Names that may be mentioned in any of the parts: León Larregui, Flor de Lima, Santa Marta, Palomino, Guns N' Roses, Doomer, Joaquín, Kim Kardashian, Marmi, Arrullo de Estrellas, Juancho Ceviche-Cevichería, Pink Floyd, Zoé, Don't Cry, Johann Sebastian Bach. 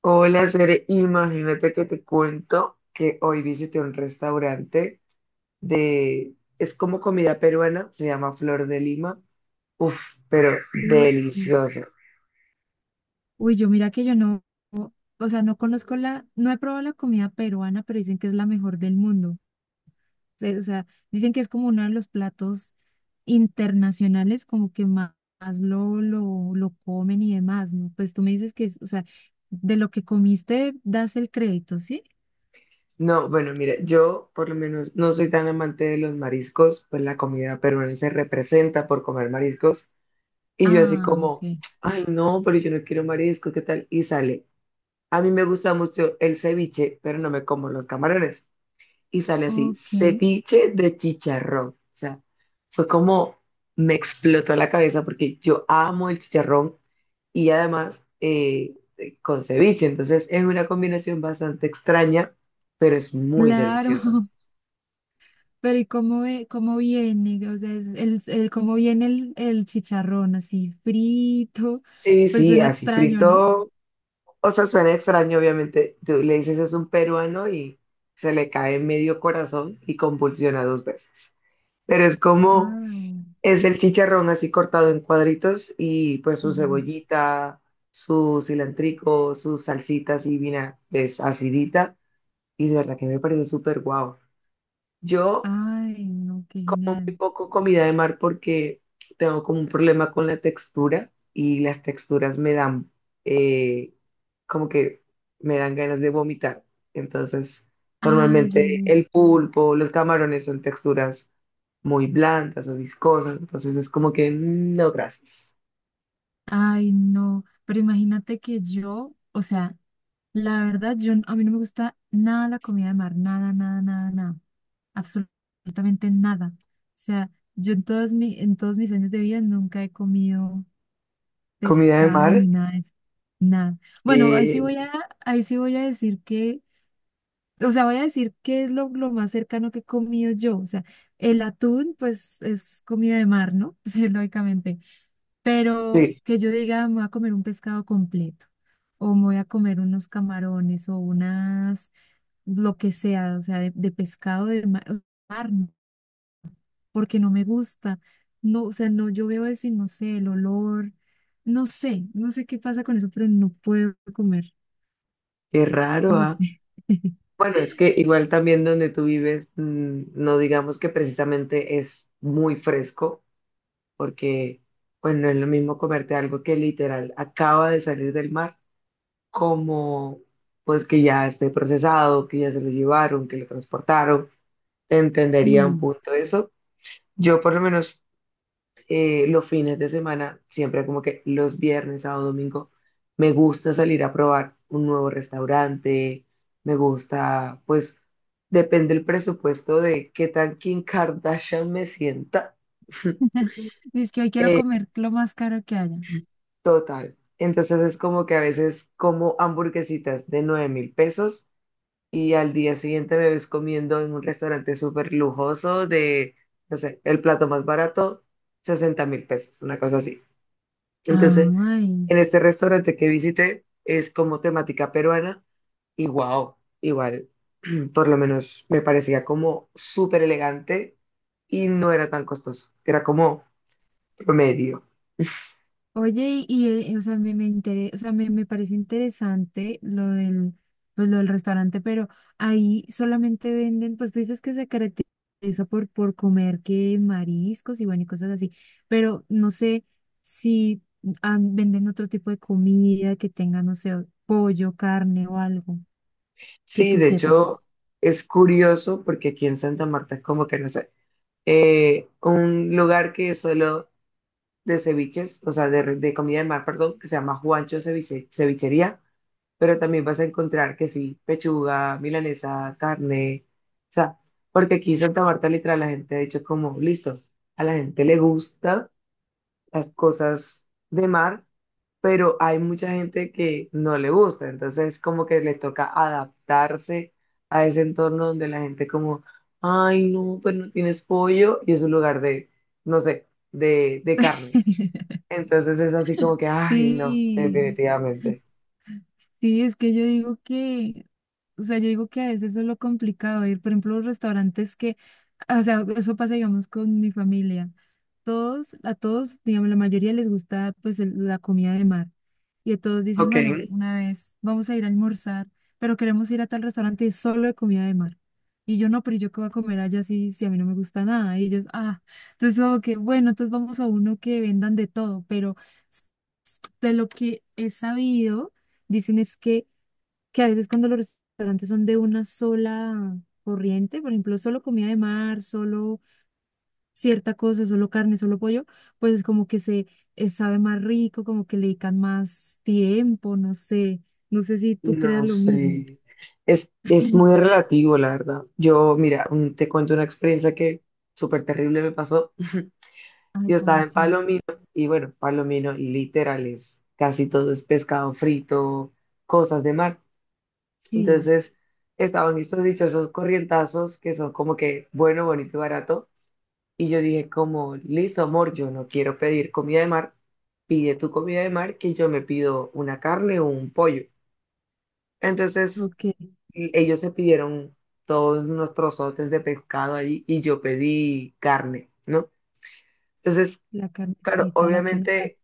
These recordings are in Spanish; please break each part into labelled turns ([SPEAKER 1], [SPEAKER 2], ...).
[SPEAKER 1] Hola, Cere, imagínate que te cuento que hoy visité un restaurante de, es como comida peruana, se llama Flor de Lima. Uf, pero
[SPEAKER 2] Mm.
[SPEAKER 1] delicioso.
[SPEAKER 2] Uy, yo mira que yo no, o sea, no conozco no he probado la comida peruana, pero dicen que es la mejor del mundo. O sea, dicen que es como uno de los platos internacionales, como que más, más lo comen y demás, ¿no? Pues tú me dices que es, o sea, de lo que comiste das el crédito, ¿sí?
[SPEAKER 1] No, bueno, mira, yo por lo menos no soy tan amante de los mariscos, pues la comida peruana se representa por comer mariscos y yo así
[SPEAKER 2] Ah,
[SPEAKER 1] como,
[SPEAKER 2] ok.
[SPEAKER 1] ay no, pero yo no quiero marisco, ¿qué tal? Y sale. A mí me gusta mucho el ceviche, pero no me como los camarones. Y sale así,
[SPEAKER 2] Ok,
[SPEAKER 1] ceviche de chicharrón. O sea, fue como me explotó la cabeza porque yo amo el chicharrón y además con ceviche. Entonces es una combinación bastante extraña, pero es muy
[SPEAKER 2] claro.
[SPEAKER 1] deliciosa.
[SPEAKER 2] Pero ¿y cómo, cómo viene? O sea, es ¿cómo viene el chicharrón así frito?
[SPEAKER 1] Sí,
[SPEAKER 2] Pues
[SPEAKER 1] sí,
[SPEAKER 2] suena
[SPEAKER 1] así
[SPEAKER 2] extraño, ¿no?
[SPEAKER 1] frito. O sea, suena extraño, obviamente. Tú le dices es un peruano y se le cae medio corazón y convulsiona dos veces. Pero es como,
[SPEAKER 2] Ah,
[SPEAKER 1] es el chicharrón así cortado en cuadritos y pues su
[SPEAKER 2] sí.
[SPEAKER 1] cebollita, su cilantrico, sus salsitas y vinagres acidita. Y de verdad que me parece súper guau. Yo
[SPEAKER 2] Ay, no, qué
[SPEAKER 1] muy
[SPEAKER 2] genial.
[SPEAKER 1] poco comida de mar porque tengo como un problema con la textura y las texturas me dan eh, como que me dan ganas de vomitar. Entonces,
[SPEAKER 2] Ay, ay,
[SPEAKER 1] normalmente
[SPEAKER 2] ay,
[SPEAKER 1] el pulpo, los camarones son texturas muy blandas o viscosas. Entonces es como que mm, no, gracias.
[SPEAKER 2] ay, no. Pero imagínate que yo, o sea, la verdad, yo, a mí no me gusta nada la comida de mar, nada, nada, nada, nada, absolutamente nada. O sea, yo en en todos mis años de vida nunca he comido
[SPEAKER 1] Comida de
[SPEAKER 2] pescado
[SPEAKER 1] mar,
[SPEAKER 2] ni nada de eso, nada. Bueno,
[SPEAKER 1] eh,
[SPEAKER 2] ahí sí voy a decir que, o sea, voy a decir que es lo más cercano que he comido yo. O sea, el atún, pues, es comida de mar, ¿no? Sí, lógicamente. Pero
[SPEAKER 1] sí,
[SPEAKER 2] que yo diga, me voy a comer un pescado completo, o me voy a comer unos camarones, o unas, lo que sea, o sea, de pescado de mar, porque no me gusta. No, o sea, no, yo veo eso y no sé, el olor, no sé qué pasa con eso, pero no puedo comer,
[SPEAKER 1] qué raro,
[SPEAKER 2] no
[SPEAKER 1] ¿ah?
[SPEAKER 2] sé.
[SPEAKER 1] Bueno, es que igual también donde tú vives, mm, no digamos que precisamente es muy fresco, porque pues no es lo mismo comerte algo que literal acaba de salir del mar, como pues que ya esté procesado, que ya se lo llevaron, que lo transportaron, entendería un
[SPEAKER 2] Sí.
[SPEAKER 1] punto eso. Yo por lo menos los fines de semana, siempre como que los viernes, sábado, domingo, me gusta salir a probar un nuevo restaurante, me gusta, pues depende el presupuesto de qué tan Kim Kardashian me sienta.
[SPEAKER 2] Es que hoy quiero
[SPEAKER 1] Eh,
[SPEAKER 2] comer lo más caro que haya.
[SPEAKER 1] Total. Entonces es como que a veces como hamburguesitas de 9.000 pesos y al día siguiente me ves comiendo en un restaurante súper lujoso de, no sé, el plato más barato, 60.000 pesos, una cosa así. Entonces,
[SPEAKER 2] Ay.
[SPEAKER 1] en este restaurante que visité es como temática peruana y wow, igual, por lo menos me parecía como súper elegante y no era tan costoso, era como promedio.
[SPEAKER 2] Oye, o sea, o sea, me parece interesante pues, lo del restaurante, pero ahí solamente venden, pues tú dices que se caracteriza por comer que mariscos y bueno, y cosas así, pero no sé si venden otro tipo de comida que tenga, no sé, pollo, carne o algo que
[SPEAKER 1] Sí,
[SPEAKER 2] tú
[SPEAKER 1] de hecho
[SPEAKER 2] sepas.
[SPEAKER 1] es curioso porque aquí en Santa Marta es como que no sé, un lugar que es solo de ceviches, o sea, de comida de mar, perdón, que se llama Juancho Ceviche- Cevichería, pero también vas a encontrar que sí, pechuga, milanesa, carne, o sea, porque aquí en Santa Marta literal la gente ha dicho como, listo, a la gente le gusta las cosas de mar, pero hay mucha gente que no le gusta, entonces como que le toca adaptarse a ese entorno donde la gente como, ay no, pues no tienes pollo y es un lugar de, no sé, de carnes. Entonces es así como que, ay no,
[SPEAKER 2] Sí.
[SPEAKER 1] definitivamente.
[SPEAKER 2] Sí, es que o sea, yo digo que a veces eso es lo complicado, ir, por ejemplo, a los restaurantes que, o sea, eso pasa, digamos, con mi familia. A todos, digamos, la mayoría les gusta, pues, la comida de mar. Y a todos dicen,
[SPEAKER 1] Ok.
[SPEAKER 2] bueno, una vez vamos a ir a almorzar, pero queremos ir a tal restaurante solo de comida de mar. Y yo no, pero yo qué voy a comer allá si, a mí no me gusta nada. Y ellos, ah, entonces como que, bueno, entonces vamos a uno que vendan de todo, pero de lo que he sabido, dicen es que a veces cuando los restaurantes son de una sola corriente, por ejemplo, solo comida de mar, solo cierta cosa, solo carne, solo pollo, pues es como que se sabe más rico, como que le dedican más tiempo, no sé si tú creas
[SPEAKER 1] No
[SPEAKER 2] lo mismo.
[SPEAKER 1] sé, es muy relativo, la verdad. Yo, mira, un- te cuento una experiencia que súper terrible me pasó.
[SPEAKER 2] Ay,
[SPEAKER 1] Yo
[SPEAKER 2] ¿cómo
[SPEAKER 1] estaba en
[SPEAKER 2] así?
[SPEAKER 1] Palomino y bueno, Palomino literal es casi todo es pescado frito, cosas de mar.
[SPEAKER 2] Sí,
[SPEAKER 1] Entonces estaban estos dichosos corrientazos que son como que bueno, bonito y barato. Y yo dije como, listo, amor, yo no quiero pedir comida de mar, pide tu comida de mar que yo me pido una carne o un pollo. Entonces...
[SPEAKER 2] ok,
[SPEAKER 1] Y ellos se pidieron todos nuestros trozotes de pescado ahí y yo pedí carne, ¿no? Entonces,
[SPEAKER 2] la
[SPEAKER 1] claro,
[SPEAKER 2] carnecita, la que no falla.
[SPEAKER 1] obviamente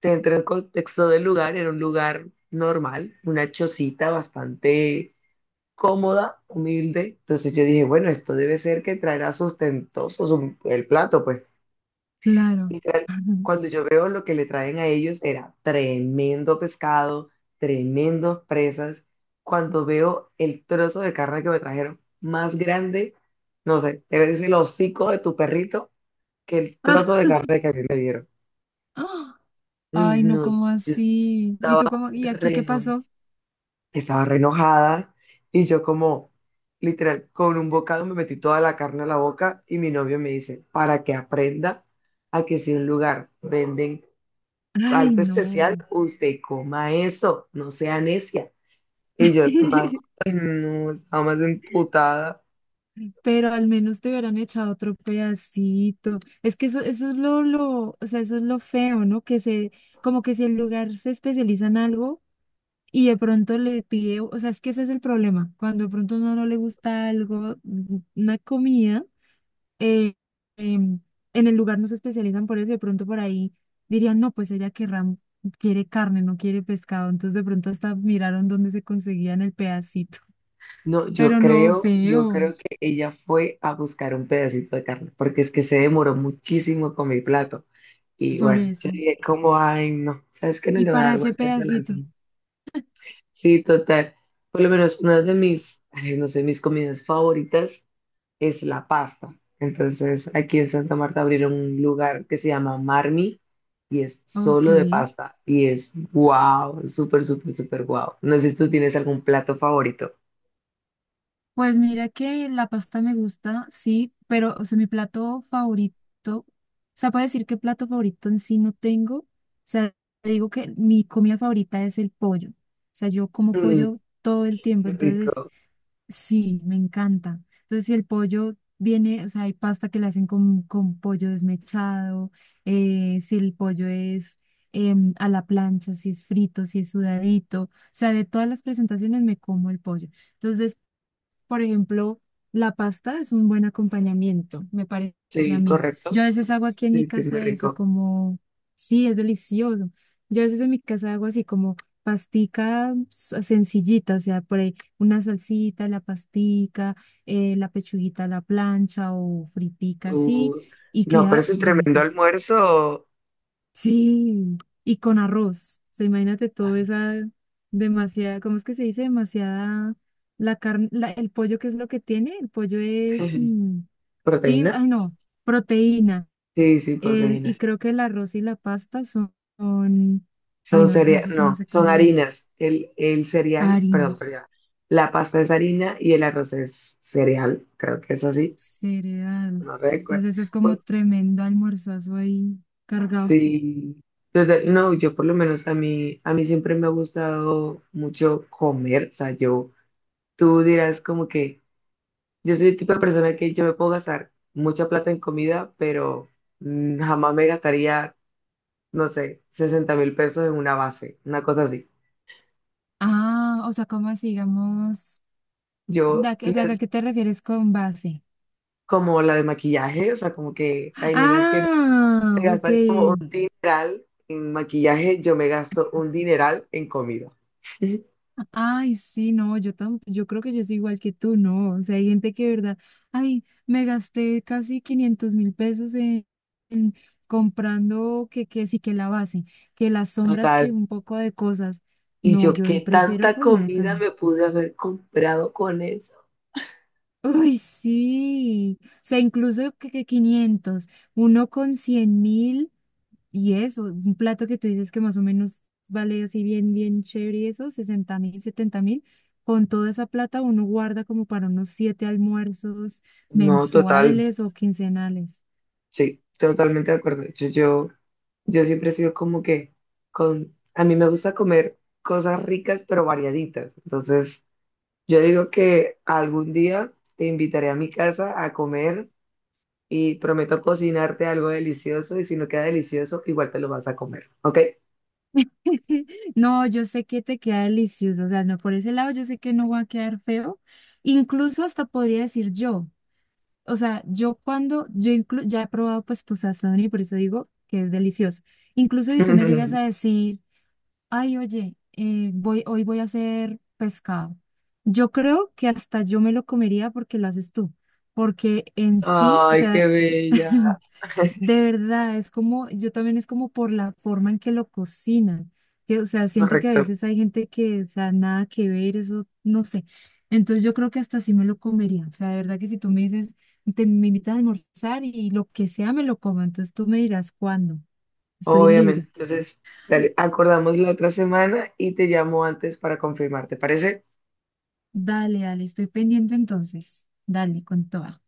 [SPEAKER 1] te entra en contexto del lugar, era un lugar normal, una chocita bastante cómoda, humilde. Entonces yo dije, bueno, esto debe ser que traerá sustentoso su- el plato, pues.
[SPEAKER 2] Claro.
[SPEAKER 1] Cuando yo veo lo que le traen a ellos era tremendo pescado, tremendos presas. Cuando veo el trozo de carne que me trajeron más grande, no sé, es el hocico de tu perrito que el
[SPEAKER 2] Ah,
[SPEAKER 1] trozo de carne que a mí me dieron.
[SPEAKER 2] ah,
[SPEAKER 1] Uy,
[SPEAKER 2] ay, no,
[SPEAKER 1] no, yo
[SPEAKER 2] ¿cómo
[SPEAKER 1] es-
[SPEAKER 2] así? ¿Y tú cómo? ¿Y aquí
[SPEAKER 1] re
[SPEAKER 2] qué
[SPEAKER 1] no.
[SPEAKER 2] pasó?
[SPEAKER 1] Estaba re enojada y yo como, literal, con un bocado me metí toda la carne a la boca y mi novio me dice, para que aprenda a que si en un lugar venden
[SPEAKER 2] Ay,
[SPEAKER 1] algo especial,
[SPEAKER 2] no.
[SPEAKER 1] usted coma eso, no sea necia. Y yo más, ay, no, estaba más emputada.
[SPEAKER 2] Pero al menos te hubieran echado otro pedacito. Es que eso, o sea, eso es lo feo, ¿no? Que se, como que si el lugar se especializa en algo y de pronto le pide, o sea, es que ese es el problema. Cuando de pronto a uno no le gusta algo, una comida, eh, em, en el lugar no se especializan por eso y de pronto por ahí dirían, no, pues ella quiere carne, no quiere pescado. Entonces de pronto hasta miraron dónde se conseguían el pedacito.
[SPEAKER 1] No, yo
[SPEAKER 2] Pero no,
[SPEAKER 1] creo, yo
[SPEAKER 2] feo,
[SPEAKER 1] creo que ella fue a buscar un pedacito de carne, porque es que se demoró muchísimo con mi plato. Y
[SPEAKER 2] por
[SPEAKER 1] bueno, yo
[SPEAKER 2] eso.
[SPEAKER 1] dije como, ay, no, ¿sabes qué? No
[SPEAKER 2] Y
[SPEAKER 1] le voy a
[SPEAKER 2] para
[SPEAKER 1] dar
[SPEAKER 2] ese
[SPEAKER 1] vueltas a la.
[SPEAKER 2] pedacito,
[SPEAKER 1] Sí, total. Por lo menos una de mis, ay, no sé, mis comidas favoritas es la pasta. Entonces, aquí en Santa Marta abrieron un lugar que se llama Marmi y es
[SPEAKER 2] ok.
[SPEAKER 1] solo de pasta y es wow, súper, súper, súper wow. No sé si tú tienes algún plato favorito.
[SPEAKER 2] Pues mira que la pasta me gusta, sí, pero, o sea, mi plato favorito, o sea, puedo decir que plato favorito en sí no tengo. O sea, te digo que mi comida favorita es el pollo. O sea, yo como
[SPEAKER 1] Mm,
[SPEAKER 2] pollo todo el tiempo,
[SPEAKER 1] qué
[SPEAKER 2] entonces
[SPEAKER 1] rico.
[SPEAKER 2] sí, me encanta. Entonces, si el pollo viene, o sea, hay pasta que la hacen con pollo desmechado, si el pollo es a la plancha, si es frito, si es sudadito, o sea, de todas las presentaciones me como el pollo. Entonces, por ejemplo, la pasta es un buen acompañamiento, me parece a
[SPEAKER 1] Sí,
[SPEAKER 2] mí. Yo
[SPEAKER 1] correcto.
[SPEAKER 2] a veces hago aquí en mi
[SPEAKER 1] Sí, sí, muy
[SPEAKER 2] casa eso,
[SPEAKER 1] rico.
[SPEAKER 2] como, sí, es delicioso. Yo a veces en mi casa hago así como pastica sencillita, o sea, por ahí una salsita, la pastica, la pechuguita a la plancha o fritica así,
[SPEAKER 1] Tú...
[SPEAKER 2] y
[SPEAKER 1] No, pero
[SPEAKER 2] queda
[SPEAKER 1] eso es tremendo
[SPEAKER 2] delicioso.
[SPEAKER 1] almuerzo.
[SPEAKER 2] Sí, y con arroz. O sea, imagínate
[SPEAKER 1] Ay,
[SPEAKER 2] toda esa demasiada, ¿cómo es que se dice? Demasiada la carne, el pollo, ¿qué es lo que tiene? El pollo es fibra,
[SPEAKER 1] ¿Proteína?
[SPEAKER 2] ay no, proteína.
[SPEAKER 1] Sí, sí,
[SPEAKER 2] El,
[SPEAKER 1] proteína.
[SPEAKER 2] y creo que el arroz y la pasta son, ay
[SPEAKER 1] Son
[SPEAKER 2] no, en
[SPEAKER 1] cereales,
[SPEAKER 2] eso sí no
[SPEAKER 1] no,
[SPEAKER 2] sé
[SPEAKER 1] son
[SPEAKER 2] cómo la llaman,
[SPEAKER 1] harinas. El cereal, perdón,
[SPEAKER 2] harinas,
[SPEAKER 1] pero la pasta es harina y el arroz es cereal, creo que es así,
[SPEAKER 2] cereal.
[SPEAKER 1] no recuerdo.
[SPEAKER 2] Entonces eso es
[SPEAKER 1] Uy,
[SPEAKER 2] como tremendo almorzazo ahí cargado.
[SPEAKER 1] sí, entonces, no, yo por lo menos a mí siempre me ha gustado mucho comer, o sea, yo, tú dirás como que yo soy el tipo de persona que yo me puedo gastar mucha plata en comida, pero mm, jamás me gastaría, no sé, 60.000 pesos en una base, una cosa así.
[SPEAKER 2] Ah, o sea, ¿cómo así, digamos, de,
[SPEAKER 1] Yo
[SPEAKER 2] de
[SPEAKER 1] les
[SPEAKER 2] acá, qué te refieres con base?
[SPEAKER 1] como la de maquillaje, o sea, como que hay nenas que
[SPEAKER 2] Ah,
[SPEAKER 1] se
[SPEAKER 2] ok.
[SPEAKER 1] gastan como un dineral en maquillaje, yo me gasto un dineral en comida.
[SPEAKER 2] Ay, sí, no, yo yo creo que yo soy igual que tú, ¿no? O sea, hay gente que, de verdad, ay, me gasté casi 500.000 pesos en comprando que sí, que la base, que las sombras, que
[SPEAKER 1] Total.
[SPEAKER 2] un poco de cosas.
[SPEAKER 1] Y
[SPEAKER 2] No,
[SPEAKER 1] yo,
[SPEAKER 2] yo ahí
[SPEAKER 1] ¿qué
[SPEAKER 2] prefiero
[SPEAKER 1] tanta
[SPEAKER 2] comida
[SPEAKER 1] comida
[SPEAKER 2] también.
[SPEAKER 1] me pude haber comprado con eso?
[SPEAKER 2] Uy, sí. O sea, incluso que 500, uno con 100.000. Y eso, un plato que tú dices que más o menos vale así bien, bien chévere y eso, 60.000, 70.000, con toda esa plata uno guarda como para unos siete almuerzos
[SPEAKER 1] No, total,
[SPEAKER 2] mensuales o quincenales.
[SPEAKER 1] sí, totalmente de acuerdo. Yo siempre he sido como que con, a mí me gusta comer cosas ricas pero variaditas. Entonces, yo digo que algún día te invitaré a mi casa a comer y prometo cocinarte algo delicioso y si no queda delicioso, igual te lo vas a comer, ¿ok?
[SPEAKER 2] No, yo sé que te queda delicioso, o sea, no, por ese lado yo sé que no va a quedar feo, incluso hasta podría decir yo, o sea, yo cuando, yo inclu- ya he probado pues tu sazón y por eso digo que es delicioso, incluso si tú me llegas a decir... Ay, oye, hoy voy a hacer pescado. Yo creo que hasta yo me lo comería porque lo haces tú, porque en sí, o
[SPEAKER 1] Ay, qué
[SPEAKER 2] sea,
[SPEAKER 1] bella.
[SPEAKER 2] de verdad, es como, yo también es como por la forma en que lo cocinan, que, o sea, siento que a
[SPEAKER 1] Correcto,
[SPEAKER 2] veces hay gente que, o sea, nada que ver, eso, no sé. Entonces yo creo que hasta sí me lo comería, o sea, de verdad que si tú me dices, te, me invitas a almorzar y lo que sea me lo como, entonces tú me dirás cuándo, estoy libre.
[SPEAKER 1] obviamente. Entonces, dale, acordamos la otra semana y te llamo antes para confirmar, ¿te parece?
[SPEAKER 2] Dale, dale, estoy pendiente entonces. Dale, con toda.